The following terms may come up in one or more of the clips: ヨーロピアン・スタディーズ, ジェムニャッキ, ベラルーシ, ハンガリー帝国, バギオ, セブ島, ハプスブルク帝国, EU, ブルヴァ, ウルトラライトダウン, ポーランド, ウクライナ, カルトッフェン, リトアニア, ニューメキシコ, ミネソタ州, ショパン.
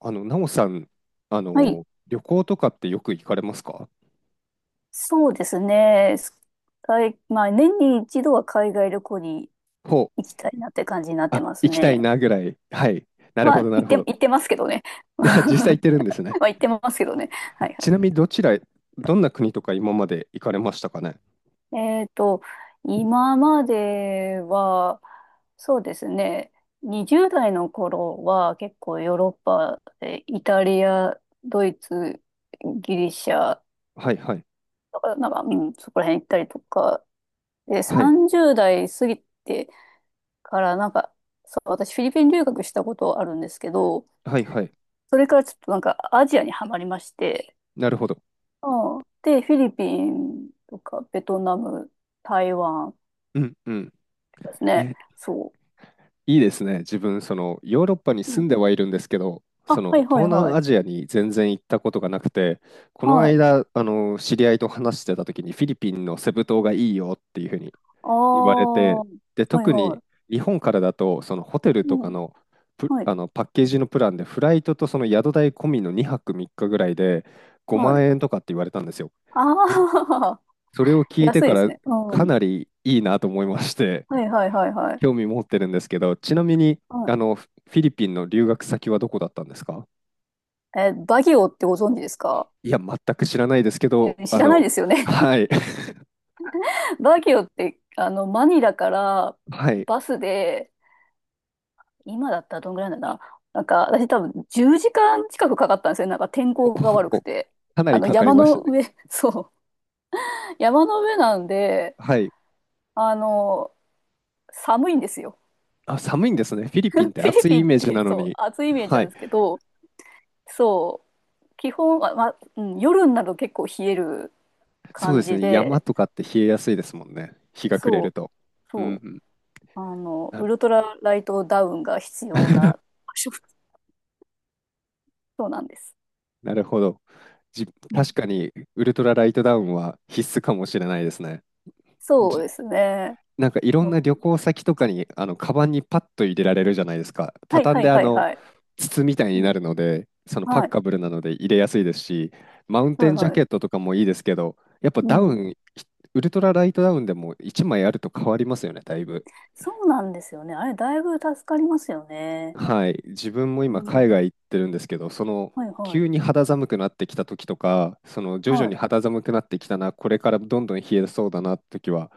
なおさん、はい。旅行とかってよく行かれますか？そうですね。はいまあ、年に一度は海外旅行にほ行う。きたいなって感じになってあ、ます行きたいね。なぐらい。はい。なるまほあ、ど、なるほど。行ってますけどね。ま 実際行ってるんですね。あ、行ってますけどね。はいはちない。みにどちら、どんな国とか今まで行かれましたかね？えっと、今までは、そうですね。20代の頃は結構ヨーロッパでイタリア、ドイツ、ギリシャはい、はい。か、なんか、うん、そこら辺行ったりとか、で、はい、30代過ぎて、からなんか、そう、私フィリピン留学したことあるんですけど、はい、はい。それからちょっとなんかアジアにはまりまして、なるほど。うん、で、フィリピンとかベトナム、台湾うん、うん。とかですね。え、そいいですね。自分、その、ヨーロッパにう。う住ん、んではいるんですけど、あ、その、はいは東いは南い。アジアに全然行ったことがなくて、このはい。間、知り合いと話してた時に、フィリピンのセブ島がいいよっていうふうにあ言われあ、て、はで、い特には日本からだと、そのホテルい。うとかん、の、プはい、あのパッケージのプランで、フライトとその宿代込みの2泊3日ぐらいでは5い。万円とかって言われたんですよ。それああ、それを 聞いて安いかですらね。うかん。なりいいなと思いまして、はいはいはいはい。興味持ってるんですけど、ちなみにうあん、のフィリピンの留学先はどこだったんですか？え、バギオってご存知ですか？いや、全く知らないですけど、うん知らないですよね。はい、バギオって、マニラから はい、バスで、今だったらどんぐらいなんだな。なんか、私多分10時間近くかかったんですよ。なんか天お候が悪くお、て。かなりかかり山ましのたね。上、そう。山の上なんで、はい。あの、寒いんですよ。あ、寒いんですね。フィリピンっ てフィリ暑いピインっメージて、なのそう、に。暑いイメージはなんい。ですけど、そう、基本は、まあ、うん、夜になると結構冷えるそうで感すじね。山で、とかって冷えやすいですもんね。日が暮れそるう、と。うんそう、うん。なウる ルトラライトダウンが必要な 場所、そうなんです。なるほど。うん確かに、ウルトラライトダウンは必須かもしれないですね。そうですね。なんかいろんうん、な旅行先とかにあのカバンにパッと入れられるじゃないですか。はい畳んはいであはいのはい。筒みたいにうなん、るので、そのパはッいカブルなので入れやすいですし、マウンテはいンジャはケットい。とかもいいですけど、やっぱうダウん。ン、ウルトラライトダウンでも1枚あると変わりますよね、だいぶ。そうなんですよね。あれ、だいぶ助かりますよね。はい、自分もう今海ん。外行ってるんですけど、そのはいはい。急に肌寒くなってきた時とか、その徐々はにい。肌寒くなってきたな、これからどんどん冷えそうだなって時は、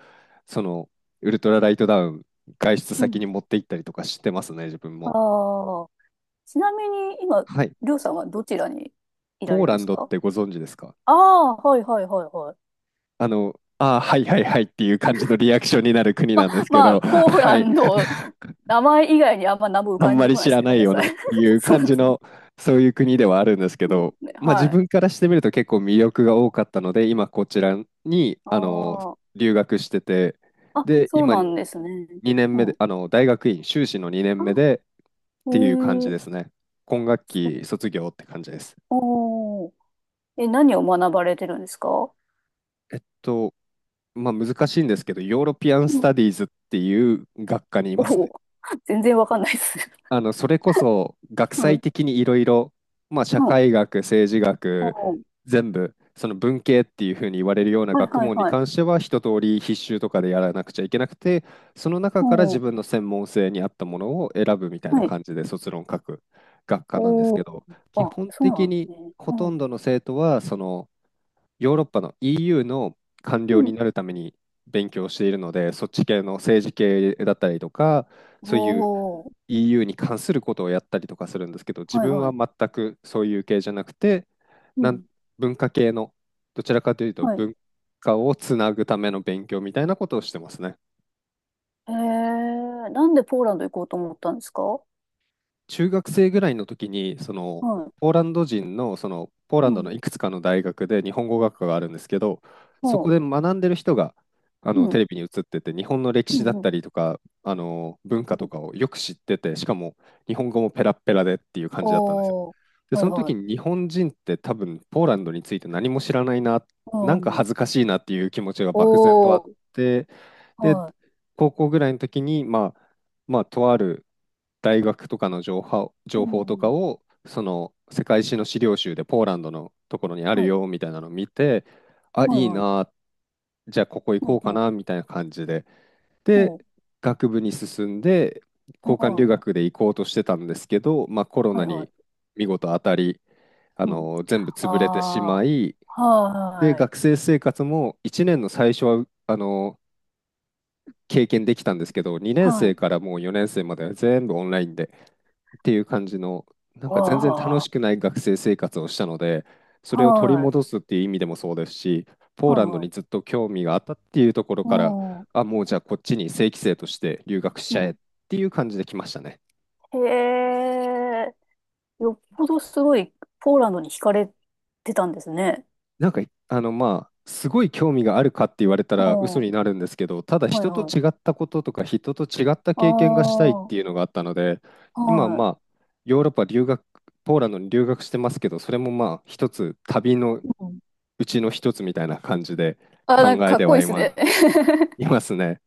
そのウルトラライトダウン、外出う先ん。に持って行ったりとかしてますね、自分あも。あ。ちなみに、今、はい、りょうさんはどちらにいらポれーるんラでンすドっか？てご存知ですか？ああー、はいはいはいはい。ああ、はいはいはいっていう感じのリアクションになる国なんです けまど、あ、ポーはラい、ンド、名前以外にあんま何も浮あんかんまでりこな知いですらね。なごめいんなよさい。なっ ていうそう感でじすね。の、そういう国ではあるんですけそうど、ですね。まあ自はい。分からしてみると結構魅力が多かったので、今こちらに、ああ。留学してて、あ、で、そう今なんですね。2年う目で、ん。大学院修士の2年目あ、でっへていう感じえ。ですね。今学期卒業って感じです。おー。え、何を学ばれてるんですか？えっと、まあ難しいんですけど、ヨーロピアン・スうん。タディーズっていう学科にいおますね。ー。全然わかんないです。それこそ学 う際ん。的にいろいろ、まあ、社うん。会学、政治学、おー。全部、その文系っていうふうに言われるようなはい学はい問にはい。関しては、一通り必修とかでやらなくちゃいけなくて、その中からお自ー。分の専門性に合ったものを選ぶみたいなはい。感じで卒論書く学科なんですおけー。ど、基あ、本そうな的んでにすね。ほとうん。んどの生徒は、そのヨーロッパの EU の官う僚にん。なるために勉強しているので、そっち系の政治系だったりとか、そういう おー。EU に関することをやったりとかするんですけど、自はい分ははい。全くそういう系じゃなくて、うなんん。文化系の、どちらかというとはい。文化をつなぐための勉強みたいなことをしてますね。えー、なんでポーランド行こうと思ったんですか？は中学生ぐらいの時に、そのい。ポーランド人の、そのポーランうドのん。いくつかの大学で日本語学科があるんですけど、そおこー。で学んでる人があのうテん。レビに映ってて、日本の歴う史だん。っうん。たりとか、あの文化うとんかをよく知ってて、しかも日本語もペラッペラでっていう感じだったんですよ。おー。で、はそいのは時い。に日本人って多分ポーランドについて何も知らないな、なうんかん。恥ずかしいなっていう気持ちが漠然とあおっー。て、で、は高校ぐらいの時に、まあ、とある大学とかの情報、い。う情報とかん。を、その世界史の資料集でポーランドのところにあるはい。よみたいなのを見て、あ、はいいいはい。な、じゃあここ行うこうかん。うなみたいな感じで。で、ん。学部に進んで、うん。交換は留い。学で行こうとしてたんですけど、まあ、コロはナいはい。に見事当たり、うん。全部潰れてしまあい、あ、で、はい、学生生活も1年の最初は、経験できたんですけど、2年は生い。からもう4年生までは全部オンラインでっていう感じの、なんか全然楽わしくあ、ない学生生活をしたので、それを取りはい、戻すっていう意味でもそうですし、ポーはい、ランドはにずい。っと興味があったっていうところうから、ん、あ、もうじゃあこっちに正規生として留学しうちゃえん。っていう感じで来ましたね。へえ、よっぽどすごいポーランドに惹かれてたんですね。なんか、まあ、すごい興味があるかって言われたうらん、嘘はい、になるんですけど、ただは人とい。違ったこととか人と違ったあ経験がしたいっていうあ、のがあったので、今まはあ、ヨーロッパ留学、ポーランドに留学してますけど、それもまあ一つ旅のい。うん、うちの一つみたいな感じであ、考なんかえかってこはいいですね。いますね。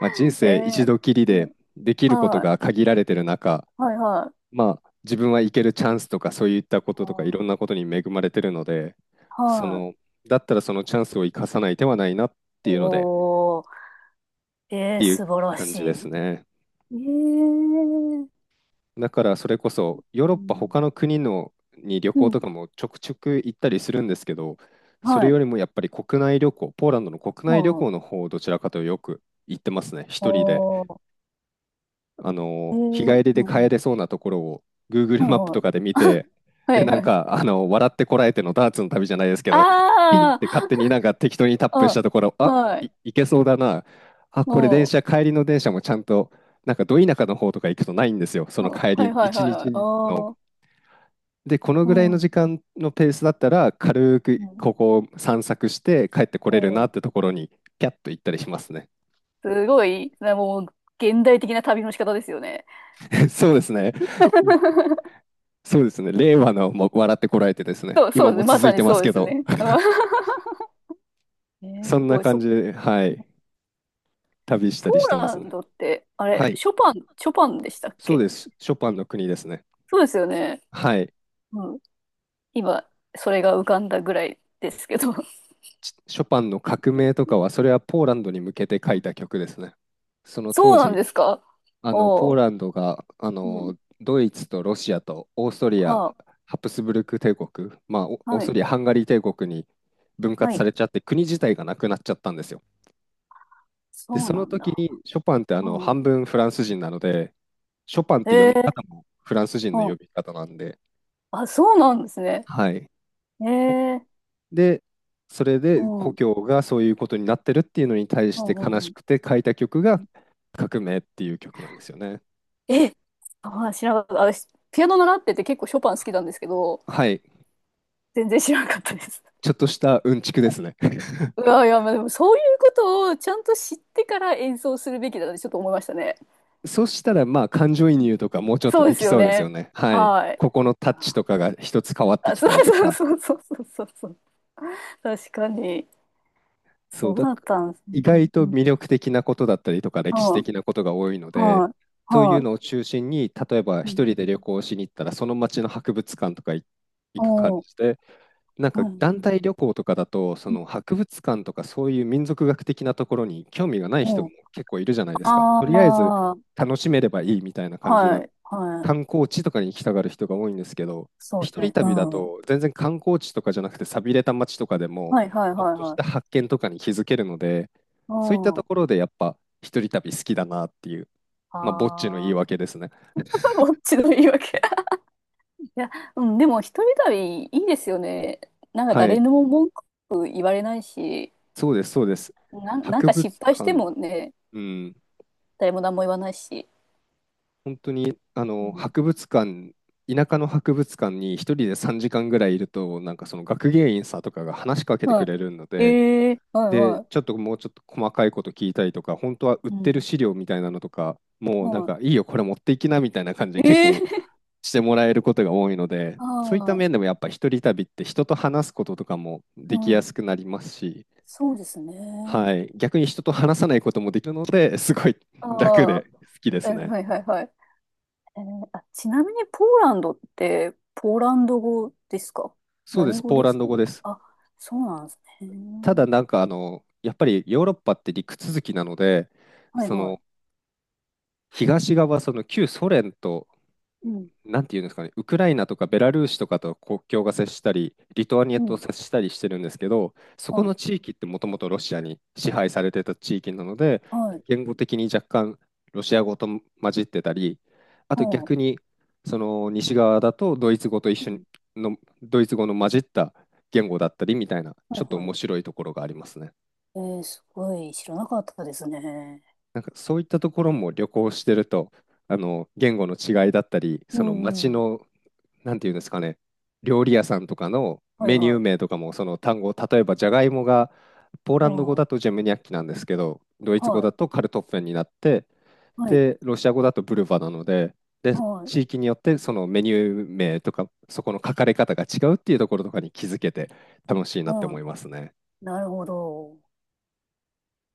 まあ、人え生一え、度きりうでん、できることはがい、限られてる中、はい、はい。まあ、自分は行けるチャンスとかそういったことうとかいろんんなことに恵まれてるので、そはの、い。だったらそのチャンスを生かさない手はないなっていうので、おー、っえてえ、いう素晴ら感しじですい。ね。ええ、だからそれこそヨーロッうパん、他の国のに旅う行ん、とかもちょくちょく行ったりするんですけど、それはよい。りもやっぱり国内旅行、ポーランドの国内旅もう、行の方をどちらかというとよく行ってますね、一人おで。ー、え日ー、帰りでう帰んれそうなところを Google うマップとん。かで見て、はで、いなはい。ん はいはい。か、笑ってこらえてのダーツの旅じゃないですけど、ピンって勝あ手になんか適当にタップあ、しうん、たところ、あ、はい。いけそうだな。あ、これ電も車、帰りの電車もちゃんと、なんかど田舎の方とか行くとないんですよ。そう、のうん、帰はり、いはい一はいはい。日の。ああ、で、このうぐらいのん、時う間のペースだったら、軽くん、ここを散策して帰ってこうれるなん。ってところに、キャッと行ったりしますね。すごい、なもう、現代的な旅の仕方ですよね。そうですね。そうですね。令和のも笑ってこられてですね。そう、そう今ですもね。ま続さいにてまそすうでけすど。ね。うんえー、そすんなごい、感そ、じで、はい。旅したポりしてーまラすンね。ドって、あれ、はい。ショパン、ショパンでしたっそうけ？です。ショパンの国ですね。そうですよね。はい。うん。今、それが浮かんだぐらいですけど。ショパンの革命とかは、それはポーランドに向けて書いた曲ですね。そのそ当うなん時、ですか？ポおーう。ランドが、うん。ドイツとロシアとオーストリア、はハプスブルク帝国、まあ、あ。オーはストい。リア、ハンガリー帝国に分は割さい。れちゃって、国自体がなくなっちゃったんですよ。で、そうそなのん時だ。にショパンってあのう半ん。分フランス人なので、ショパンっへて読み方え。もフランス人のうん。呼び方なんで、あ、そうなんですね。はい。へほえ。で、それうでん。う故ん。郷がそういうことになってるっていうのに対うして悲んしうくて書いた曲がん。革命っていう曲なんですよね。え、まあ、知らなかった。私、ピアノ習ってて結構ショパン好きなんですけど、はい。全然知らなかったです。ちょっとしたうんちくですね。うわ、いや、まあ、でもそういうことをちゃんと知ってから演奏するべきだなってちょっと思いましたね。そうしたらまあ感情移うん入とかもうちょっとそうでですきよそうですよね。ね。はい。はい。ここのタッチとかが一つ変わってあ、きそたりうとそうか。そうそうそうそう。確かに。そうそうだ、だったんです意ね。外うとん魅力的なことだったりとか歴史はい、的なことが多いので、はい、そういうはのを中心に、例えばい。う一ん人で旅行しに行ったら、その町の博物館とか行く感おー、じで、なんかは団い。体旅行とかだと、そうのん博物館とかそういう民族学的なところに興味がない人おもー、結構いるじゃないですか。とりあえずああ、楽しめればいいみたいな感じなはい、は観い。光地とかに行きたがる人が多いんですけど、そうで一す人ね。旅だうん。と全然観光地とかじゃなくて寂れた街とかでも、はい、はい、ちょっはい、としはたい。発見とかに気づけるので、うそういったとん。ころでやっぱ一人旅好きだなっていう、まあ、ぼっちの言いああ、訳ですね。ぼっちの言い訳。いや、うん、でも一人旅いいですよね。なんかは誰い、にも文句言われないし、そうです、そうです。なん、なん博か失物敗して館、もね、うん、誰も何も言わないし。本当に、あうの、ん、博物館、田舎の博物館に一人で3時間ぐらいいると、なんかその学芸員さんとかが話しかけてはくれるのい。で、ええはいで、はちょっともうちょっと細かいこと聞いたりとか、本当は売っい。うてるん。資料みたいなのとか、もうなんはかいいよ、これ持っていきなみたいな感じでい。結ええ 構 してもらえることが多いので、そういったはい。面でもやっぱ一人旅って人と話すこととかもうできやん。すくなりますし、そうですね。はい、逆に人と話さないこともできるので、すごい楽あであ、好きでえ、すね。はいはいはい。えーあ、ちなみにポーランドって、ポーランド語ですか？そうで何す、語ポーでラすンドか？語です。あ、そうなんですただね。なんかあの、やっぱりヨーロッパって陸続きなので、はいそはい。の東側、その旧ソ連とうん、なんていうんですかね、ウクライナとかベラルーシとかと国境が接したり、リトアニアうとん。接したりしてるんですけど、そこはのい、地域ってもともとロシアに支配されてた地域なので、はい、言語的に若干ロシア語と混じってたり、あとは逆にその西側だとドイツ語と一い。緒うにんのドイツ語の混じった言語だったりみたいな、はちょっいとはい。面白いところがありますね。えー、すごい知らなかったですね。なんかそういったところも旅行してると、あの言語の違いだったり、うその街ん、うん。のなんていうんですかね、料理屋さんとかのはいメニュはーい。名とかもその単語、例えばじゃがいもがポーラうンド語ん。はだとジェムニャッキなんですけど、ドイツ語い、だとカルトッフェンになって、はい、で、ロシア語だとブルヴァなので、で、はい、地域によってそのメニュー名とか、そこの書かれ方が違うっていうところとかに気づけて楽しいなっては思いい。ますね。なるほど。